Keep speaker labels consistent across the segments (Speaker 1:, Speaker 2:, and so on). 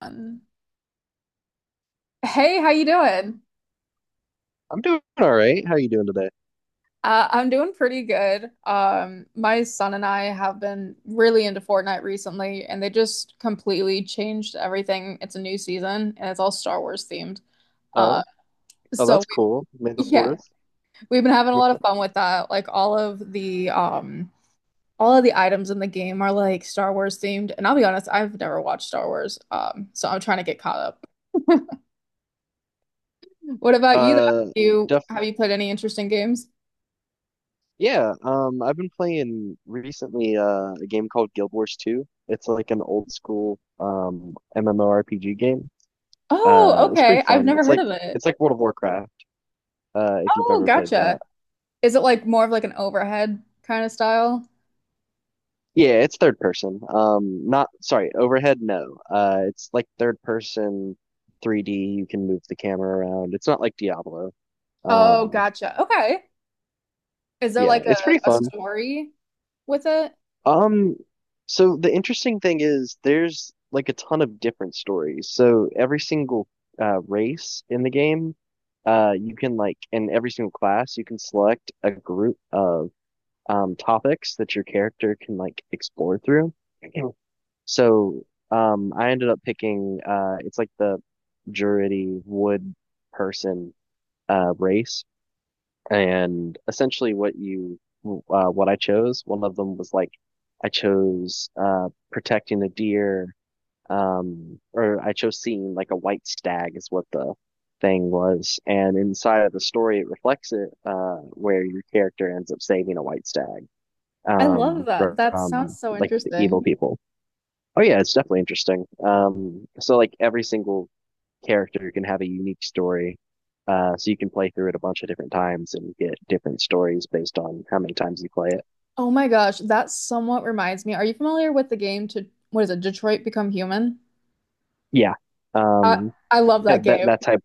Speaker 1: Um, Hey, how you doing?
Speaker 2: I'm doing all right. How are you doing today?
Speaker 1: I'm doing pretty good. My son and I have been really into Fortnite recently, and they just completely changed everything. It's a new season, and it's all Star Wars themed. Uh,
Speaker 2: Oh, oh,
Speaker 1: so
Speaker 2: that's cool. May the
Speaker 1: yeah,
Speaker 2: fourth.
Speaker 1: we've been having a lot of fun with that. Like all of the items in the game are like Star Wars themed, and I'll be honest, I've never watched Star Wars, so I'm trying to get caught up. What about you, though?
Speaker 2: Uh,
Speaker 1: Have you
Speaker 2: def
Speaker 1: have you played any interesting games?
Speaker 2: yeah. I've been playing recently a game called Guild Wars 2. It's like an old school MMORPG game.
Speaker 1: Oh,
Speaker 2: It's
Speaker 1: okay.
Speaker 2: pretty
Speaker 1: I've
Speaker 2: fun.
Speaker 1: never
Speaker 2: It's
Speaker 1: heard
Speaker 2: like
Speaker 1: of it.
Speaker 2: it's like World of Warcraft. If you've
Speaker 1: Oh,
Speaker 2: ever played that.
Speaker 1: gotcha. Is it like more of like an overhead kind of style?
Speaker 2: Yeah, it's third person. Not, sorry, overhead. No. It's like third person, 3D. You can move the camera around. It's not like Diablo.
Speaker 1: Oh,
Speaker 2: Um,
Speaker 1: gotcha. Okay. Is there
Speaker 2: yeah,
Speaker 1: like
Speaker 2: it's
Speaker 1: a,
Speaker 2: pretty
Speaker 1: a
Speaker 2: fun.
Speaker 1: story with it?
Speaker 2: Um, so the interesting thing is there's like a ton of different stories. So every single race in the game, you can, like in every single class, you can select a group of topics that your character can like explore through. Mhm. So I ended up picking it's like the Druidy wood person race, and essentially what you what I chose. One of them was like I chose protecting a deer, or I chose seeing like a white stag is what the thing was. And inside of the story, it reflects it where your character ends up saving a white stag
Speaker 1: I love that.
Speaker 2: from
Speaker 1: That sounds so
Speaker 2: like the
Speaker 1: interesting.
Speaker 2: evil people. Oh yeah, it's definitely interesting. So like every single character can have a unique story. So you can play through it a bunch of different times and get different stories based on how many times you play it.
Speaker 1: Oh my gosh, that somewhat reminds me. Are you familiar with the game to what is it, Detroit Become Human?
Speaker 2: Yeah.
Speaker 1: I
Speaker 2: Um,
Speaker 1: I love that
Speaker 2: that
Speaker 1: game.
Speaker 2: that type,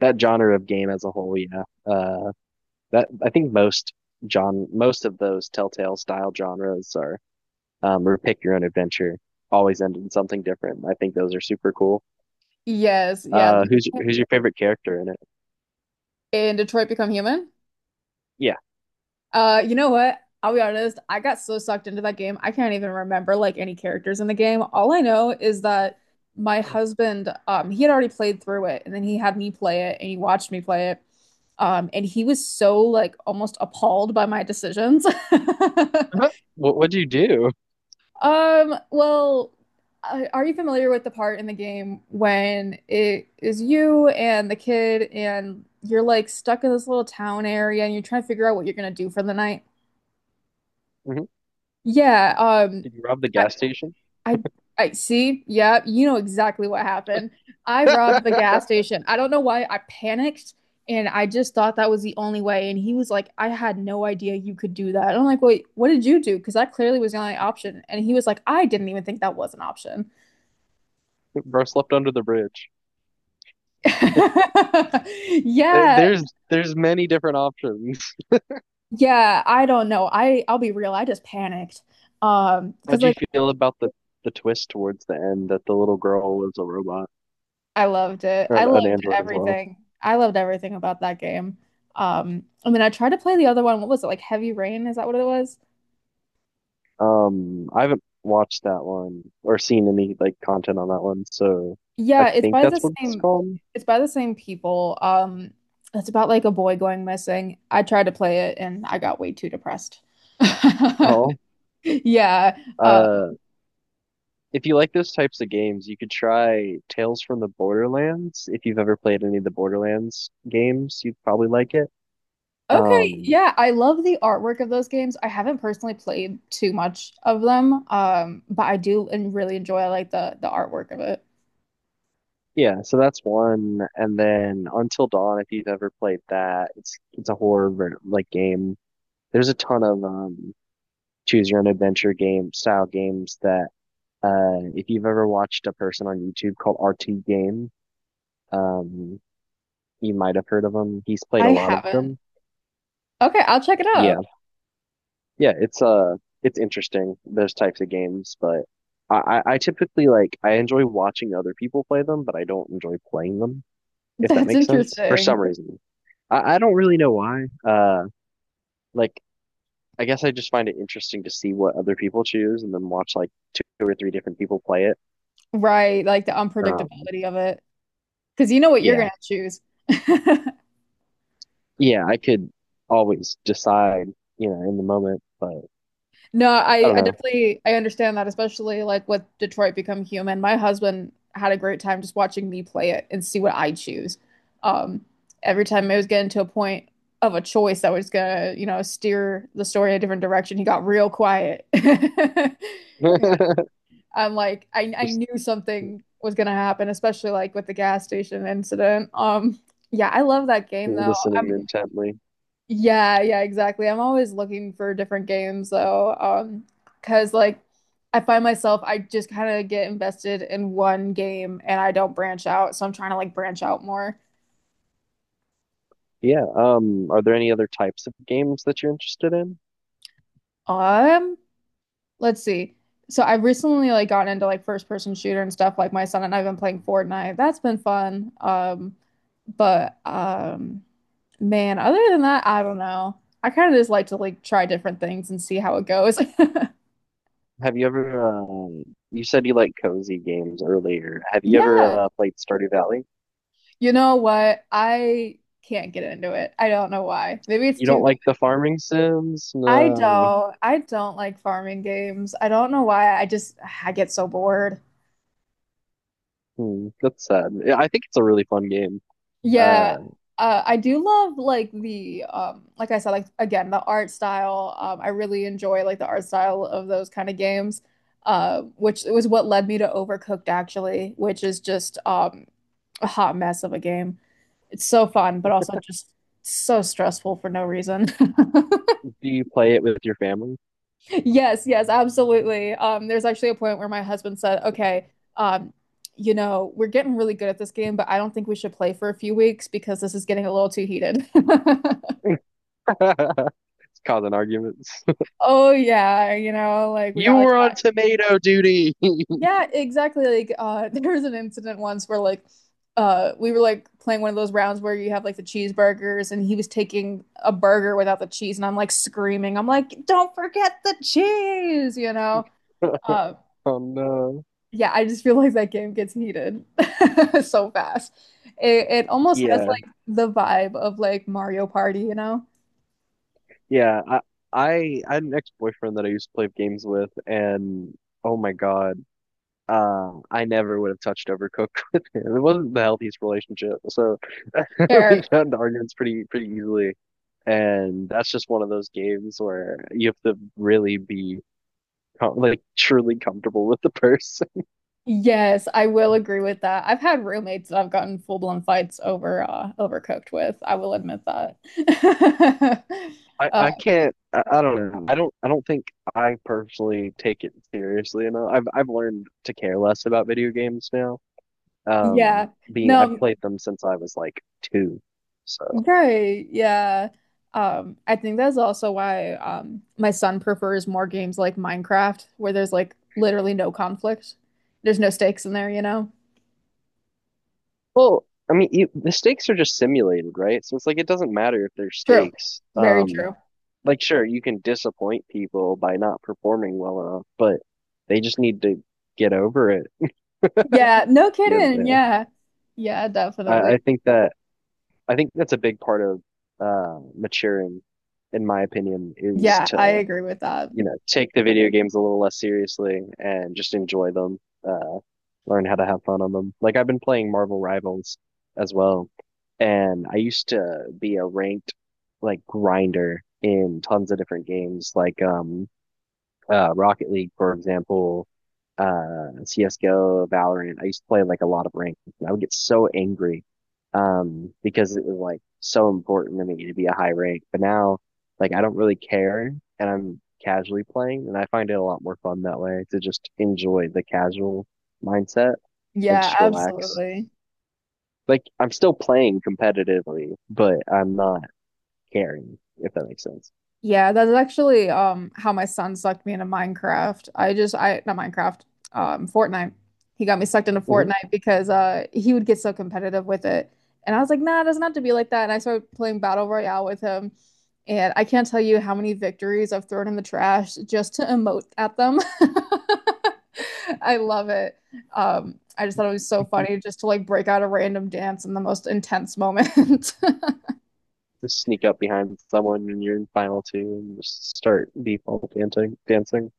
Speaker 2: that genre of game as a whole, yeah. That, I think, most John most of those Telltale style genres are or pick your own adventure, always end in something different. I think those are super cool.
Speaker 1: Yes, yeah.
Speaker 2: Who's your favorite character in it?
Speaker 1: In Detroit Become Human?
Speaker 2: Yeah.
Speaker 1: You know what? I'll be honest, I got so sucked into that game. I can't even remember like any characters in the game. All I know is that my husband, he had already played through it and then he had me play it and he watched me play it. And he was so like almost appalled by my decisions.
Speaker 2: Uh-huh. What'd you do?
Speaker 1: Um, well, are you familiar with the part in the game when it is you and the kid and you're like stuck in this little town area and you're trying to figure out what you're gonna do for the night?
Speaker 2: Mm-hmm.
Speaker 1: Yeah,
Speaker 2: Did you rob the
Speaker 1: I,
Speaker 2: gas station?
Speaker 1: I I see. Yeah, you know exactly what happened. I robbed the gas station. I don't know why I panicked and I just thought that was the only way and he was like, "I had no idea you could do that." And I'm like, "Wait, what did you do?" Because that clearly was the only option. And he was like, "I didn't even think that was an option."
Speaker 2: Bro slept under the bridge. There-
Speaker 1: Yeah.
Speaker 2: There's there's many different options.
Speaker 1: Yeah, I don't know. I'll be real. I just panicked. Um, because
Speaker 2: How'd you
Speaker 1: like
Speaker 2: feel about the twist towards the end that the little girl was a robot
Speaker 1: I loved it.
Speaker 2: or
Speaker 1: I
Speaker 2: an
Speaker 1: loved
Speaker 2: android as well?
Speaker 1: everything. I loved everything about that game. I mean, I tried to play the other one. What was it? Like Heavy Rain? Is that what it was?
Speaker 2: I haven't watched that one or seen any like content on that one, so I
Speaker 1: Yeah, it's
Speaker 2: think
Speaker 1: by the
Speaker 2: that's what it's
Speaker 1: same
Speaker 2: called.
Speaker 1: it's by the same people. It's about like a boy going missing. I tried to play it and I got way too depressed.
Speaker 2: Oh,
Speaker 1: Yeah. Um,
Speaker 2: uh, if you like those types of games, you could try Tales from the Borderlands. If you've ever played any of the Borderlands games, you'd probably like it.
Speaker 1: okay.
Speaker 2: Um,
Speaker 1: Yeah, I love the artwork of those games. I haven't personally played too much of them, but I do and really enjoy like the artwork of it.
Speaker 2: Yeah, so that's one, and then Until Dawn, if you've ever played that, it's a like game. There's a ton of choose your own adventure game style games that if you've ever watched a person on YouTube called RT Game, um, you might have heard of him. He's played a
Speaker 1: I
Speaker 2: lot of
Speaker 1: haven't.
Speaker 2: them.
Speaker 1: Okay, I'll check it out.
Speaker 2: Yeah, yeah, it's interesting, those types of games, but I typically like, I enjoy watching other people play them, but I don't enjoy playing them, if that
Speaker 1: That's
Speaker 2: makes sense, for
Speaker 1: interesting.
Speaker 2: some reason. I don't really know why. Like I guess I just find it interesting to see what other people choose and then watch like two or three different people play it.
Speaker 1: Right, like the
Speaker 2: Um,
Speaker 1: unpredictability of it. Because you know what you're
Speaker 2: yeah,
Speaker 1: gonna choose.
Speaker 2: yeah, I could always decide, you know, in the moment, but
Speaker 1: No,
Speaker 2: I don't
Speaker 1: I
Speaker 2: know.
Speaker 1: definitely I understand that, especially like with Detroit Become Human. My husband had a great time just watching me play it and see what I choose. Um, every time it was getting to a point of a choice that was gonna, you know, steer the story a different direction, he got real quiet. I'm like I
Speaker 2: Just
Speaker 1: knew something was gonna happen, especially like with the gas station incident. Yeah, I love that game though.
Speaker 2: listening
Speaker 1: I'm
Speaker 2: intently.
Speaker 1: Yeah, yeah, exactly. I'm always looking for different games though, because like I find myself I just kind of get invested in one game and I don't branch out, so I'm trying to like branch out more.
Speaker 2: Yeah. Are there any other types of games that you're interested in?
Speaker 1: Um, Let's see. So I've recently like gotten into like first person shooter and stuff like my son and I've been playing Fortnite. That's been fun. But Man, other than that, I don't know. I kind of just like to like try different things and see how it goes.
Speaker 2: Have you ever, you said you like cozy games earlier. Have you ever
Speaker 1: Yeah.
Speaker 2: played Stardew Valley?
Speaker 1: You know what? I can't get into it. I don't know why. Maybe it's
Speaker 2: You
Speaker 1: too
Speaker 2: don't like the
Speaker 1: comfy.
Speaker 2: farming sims? No.
Speaker 1: I don't like farming games. I don't know why. I just I get so bored.
Speaker 2: Hmm, that's sad. Yeah, I think it's a really fun game.
Speaker 1: Yeah,
Speaker 2: Uh,
Speaker 1: I do love like the like I said like again the art style. I really enjoy like the art style of those kind of games. Which was what led me to Overcooked actually, which is just a hot mess of a game. It's so fun, but also just so stressful for no reason.
Speaker 2: do you play it with your family?
Speaker 1: Yes, yes, absolutely. There's actually a point where my husband said, "Okay, um, you know, we're getting really good at this game, but I don't think we should play for a few weeks because this is getting a little too heated."
Speaker 2: It's causing arguments.
Speaker 1: Oh yeah, you know, like we
Speaker 2: You
Speaker 1: got like
Speaker 2: were on tomato duty.
Speaker 1: yeah, exactly. Like there was an incident once where like we were like playing one of those rounds where you have like the cheeseburgers, and he was taking a burger without the cheese, and I'm like screaming, I'm like, "Don't forget the cheese," you know. Um,
Speaker 2: Oh no.
Speaker 1: Yeah, I just feel like that game gets heated so fast. It almost has
Speaker 2: Yeah,
Speaker 1: like the vibe of like Mario Party, you know?
Speaker 2: yeah. I had an ex-boyfriend that I used to play games with, and oh my God, I never would have touched Overcooked with him. It wasn't the healthiest relationship, so we
Speaker 1: Fair.
Speaker 2: got into arguments pretty, pretty easily. And that's just one of those games where you have to really be like truly comfortable with the person.
Speaker 1: Yes, I will agree with that. I've had roommates that I've gotten full-blown fights over overcooked with. I will admit that.
Speaker 2: I,
Speaker 1: Uh,
Speaker 2: I can't. I don't know. I don't. I don't think I personally take it seriously enough. I've learned to care less about video games now. Um,
Speaker 1: yeah.
Speaker 2: being
Speaker 1: No,
Speaker 2: I've played them since I was like two, so
Speaker 1: right. Yeah. I think that's also why my son prefers more games like Minecraft, where there's like literally no conflict. There's no stakes in there, you know?
Speaker 2: well. I mean, you, the stakes are just simulated, right? So it's like it doesn't matter if there's
Speaker 1: True.
Speaker 2: stakes.
Speaker 1: Very true.
Speaker 2: Like sure, you can disappoint people by not performing well enough, but they just need to get over it.
Speaker 1: Yeah, no
Speaker 2: You
Speaker 1: kidding.
Speaker 2: know,
Speaker 1: Yeah. Yeah,
Speaker 2: I,
Speaker 1: definitely.
Speaker 2: I think that I think that's a big part of maturing, in my opinion, is
Speaker 1: Yeah, I
Speaker 2: to,
Speaker 1: agree with that.
Speaker 2: you know, take the video games a little less seriously and just enjoy them. Uh, learn how to have fun on them. Like I've been playing Marvel Rivals as well, and I used to be a ranked like grinder in tons of different games, like Rocket League, for example, CS:GO, Valorant. I used to play like a lot of ranked. And I would get so angry because it was like so important to me to be a high rank. But now, like, I don't really care, and I'm casually playing, and I find it a lot more fun that way, to just enjoy the casual mindset and
Speaker 1: Yeah,
Speaker 2: just relax.
Speaker 1: absolutely.
Speaker 2: Like, I'm still playing competitively, but I'm not caring, if that makes sense.
Speaker 1: Yeah, that's actually how my son sucked me into Minecraft. I just I Not Minecraft, Fortnite. He got me sucked into
Speaker 2: Mhm.
Speaker 1: Fortnite because he would get so competitive with it. And I was like, nah, it doesn't have to be like that. And I started playing Battle Royale with him. And I can't tell you how many victories I've thrown in the trash just to emote at them. I love it. I just thought it was so funny just to like break out a random dance in the most intense moment.
Speaker 2: Just sneak up behind someone when you're in final two and just start default dancing. Dancing.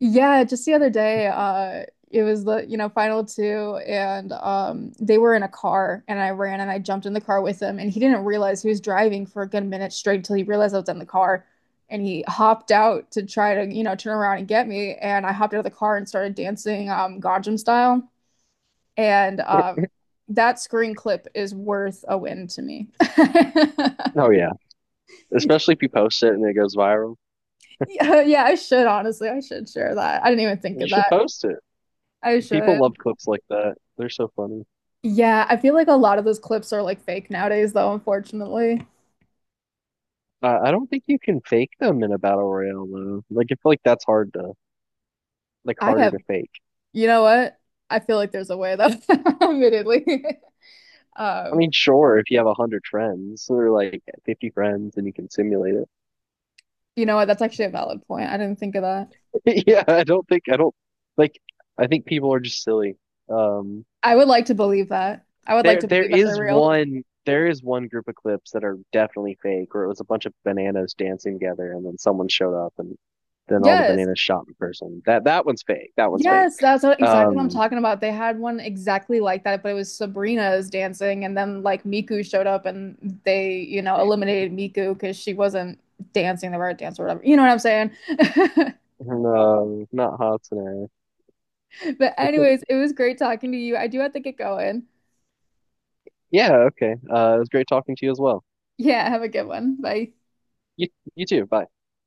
Speaker 1: Yeah, just the other day, it was the, you know, final two and they were in a car and I ran and I jumped in the car with him and he didn't realize he was driving for a good minute straight until he realized I was in the car and he hopped out to try to, you know, turn around and get me and I hopped out of the car and started dancing Gangnam style and that screen clip is worth a win to me.
Speaker 2: Oh yeah, especially if you post it and it goes viral.
Speaker 1: Yeah, yeah, I should honestly. I should share that. I didn't even think
Speaker 2: You
Speaker 1: of
Speaker 2: should
Speaker 1: that.
Speaker 2: post it.
Speaker 1: I
Speaker 2: People love
Speaker 1: should.
Speaker 2: clips like that. They're so funny.
Speaker 1: Yeah, I feel like a lot of those clips are like fake nowadays, though, unfortunately.
Speaker 2: I don't think you can fake them in a battle royale though. Like I feel like that's hard to, like,
Speaker 1: I
Speaker 2: harder
Speaker 1: have,
Speaker 2: to fake.
Speaker 1: you know what? I feel like there's a way, though, admittedly.
Speaker 2: I
Speaker 1: Um,
Speaker 2: mean, sure, if you have a hundred friends, so they're like 50 friends, and you can simulate
Speaker 1: you know what? That's actually a valid point. I didn't think of that.
Speaker 2: it. Yeah, I don't think, I don't like. I think people are just silly. Um,
Speaker 1: I would like to believe that. I would like to believe that they're real.
Speaker 2: There is one group of clips that are definitely fake, where it was a bunch of bananas dancing together, and then someone showed up, and then all the
Speaker 1: Yes.
Speaker 2: bananas shot in person. That one's fake. That one's fake.
Speaker 1: Yes, that's what, exactly what I'm
Speaker 2: Um,
Speaker 1: talking about. They had one exactly like that, but it was Sabrina's dancing, and then like Miku showed up and they, you know, eliminated Miku because she wasn't dancing the right dance or whatever. You know what I'm saying?
Speaker 2: no, not Hatsune.
Speaker 1: But anyways, it was great talking to you. I do have to get going.
Speaker 2: Yeah, okay. It was great talking to you as well.
Speaker 1: Yeah, have a good one. Bye.
Speaker 2: You you too. Bye.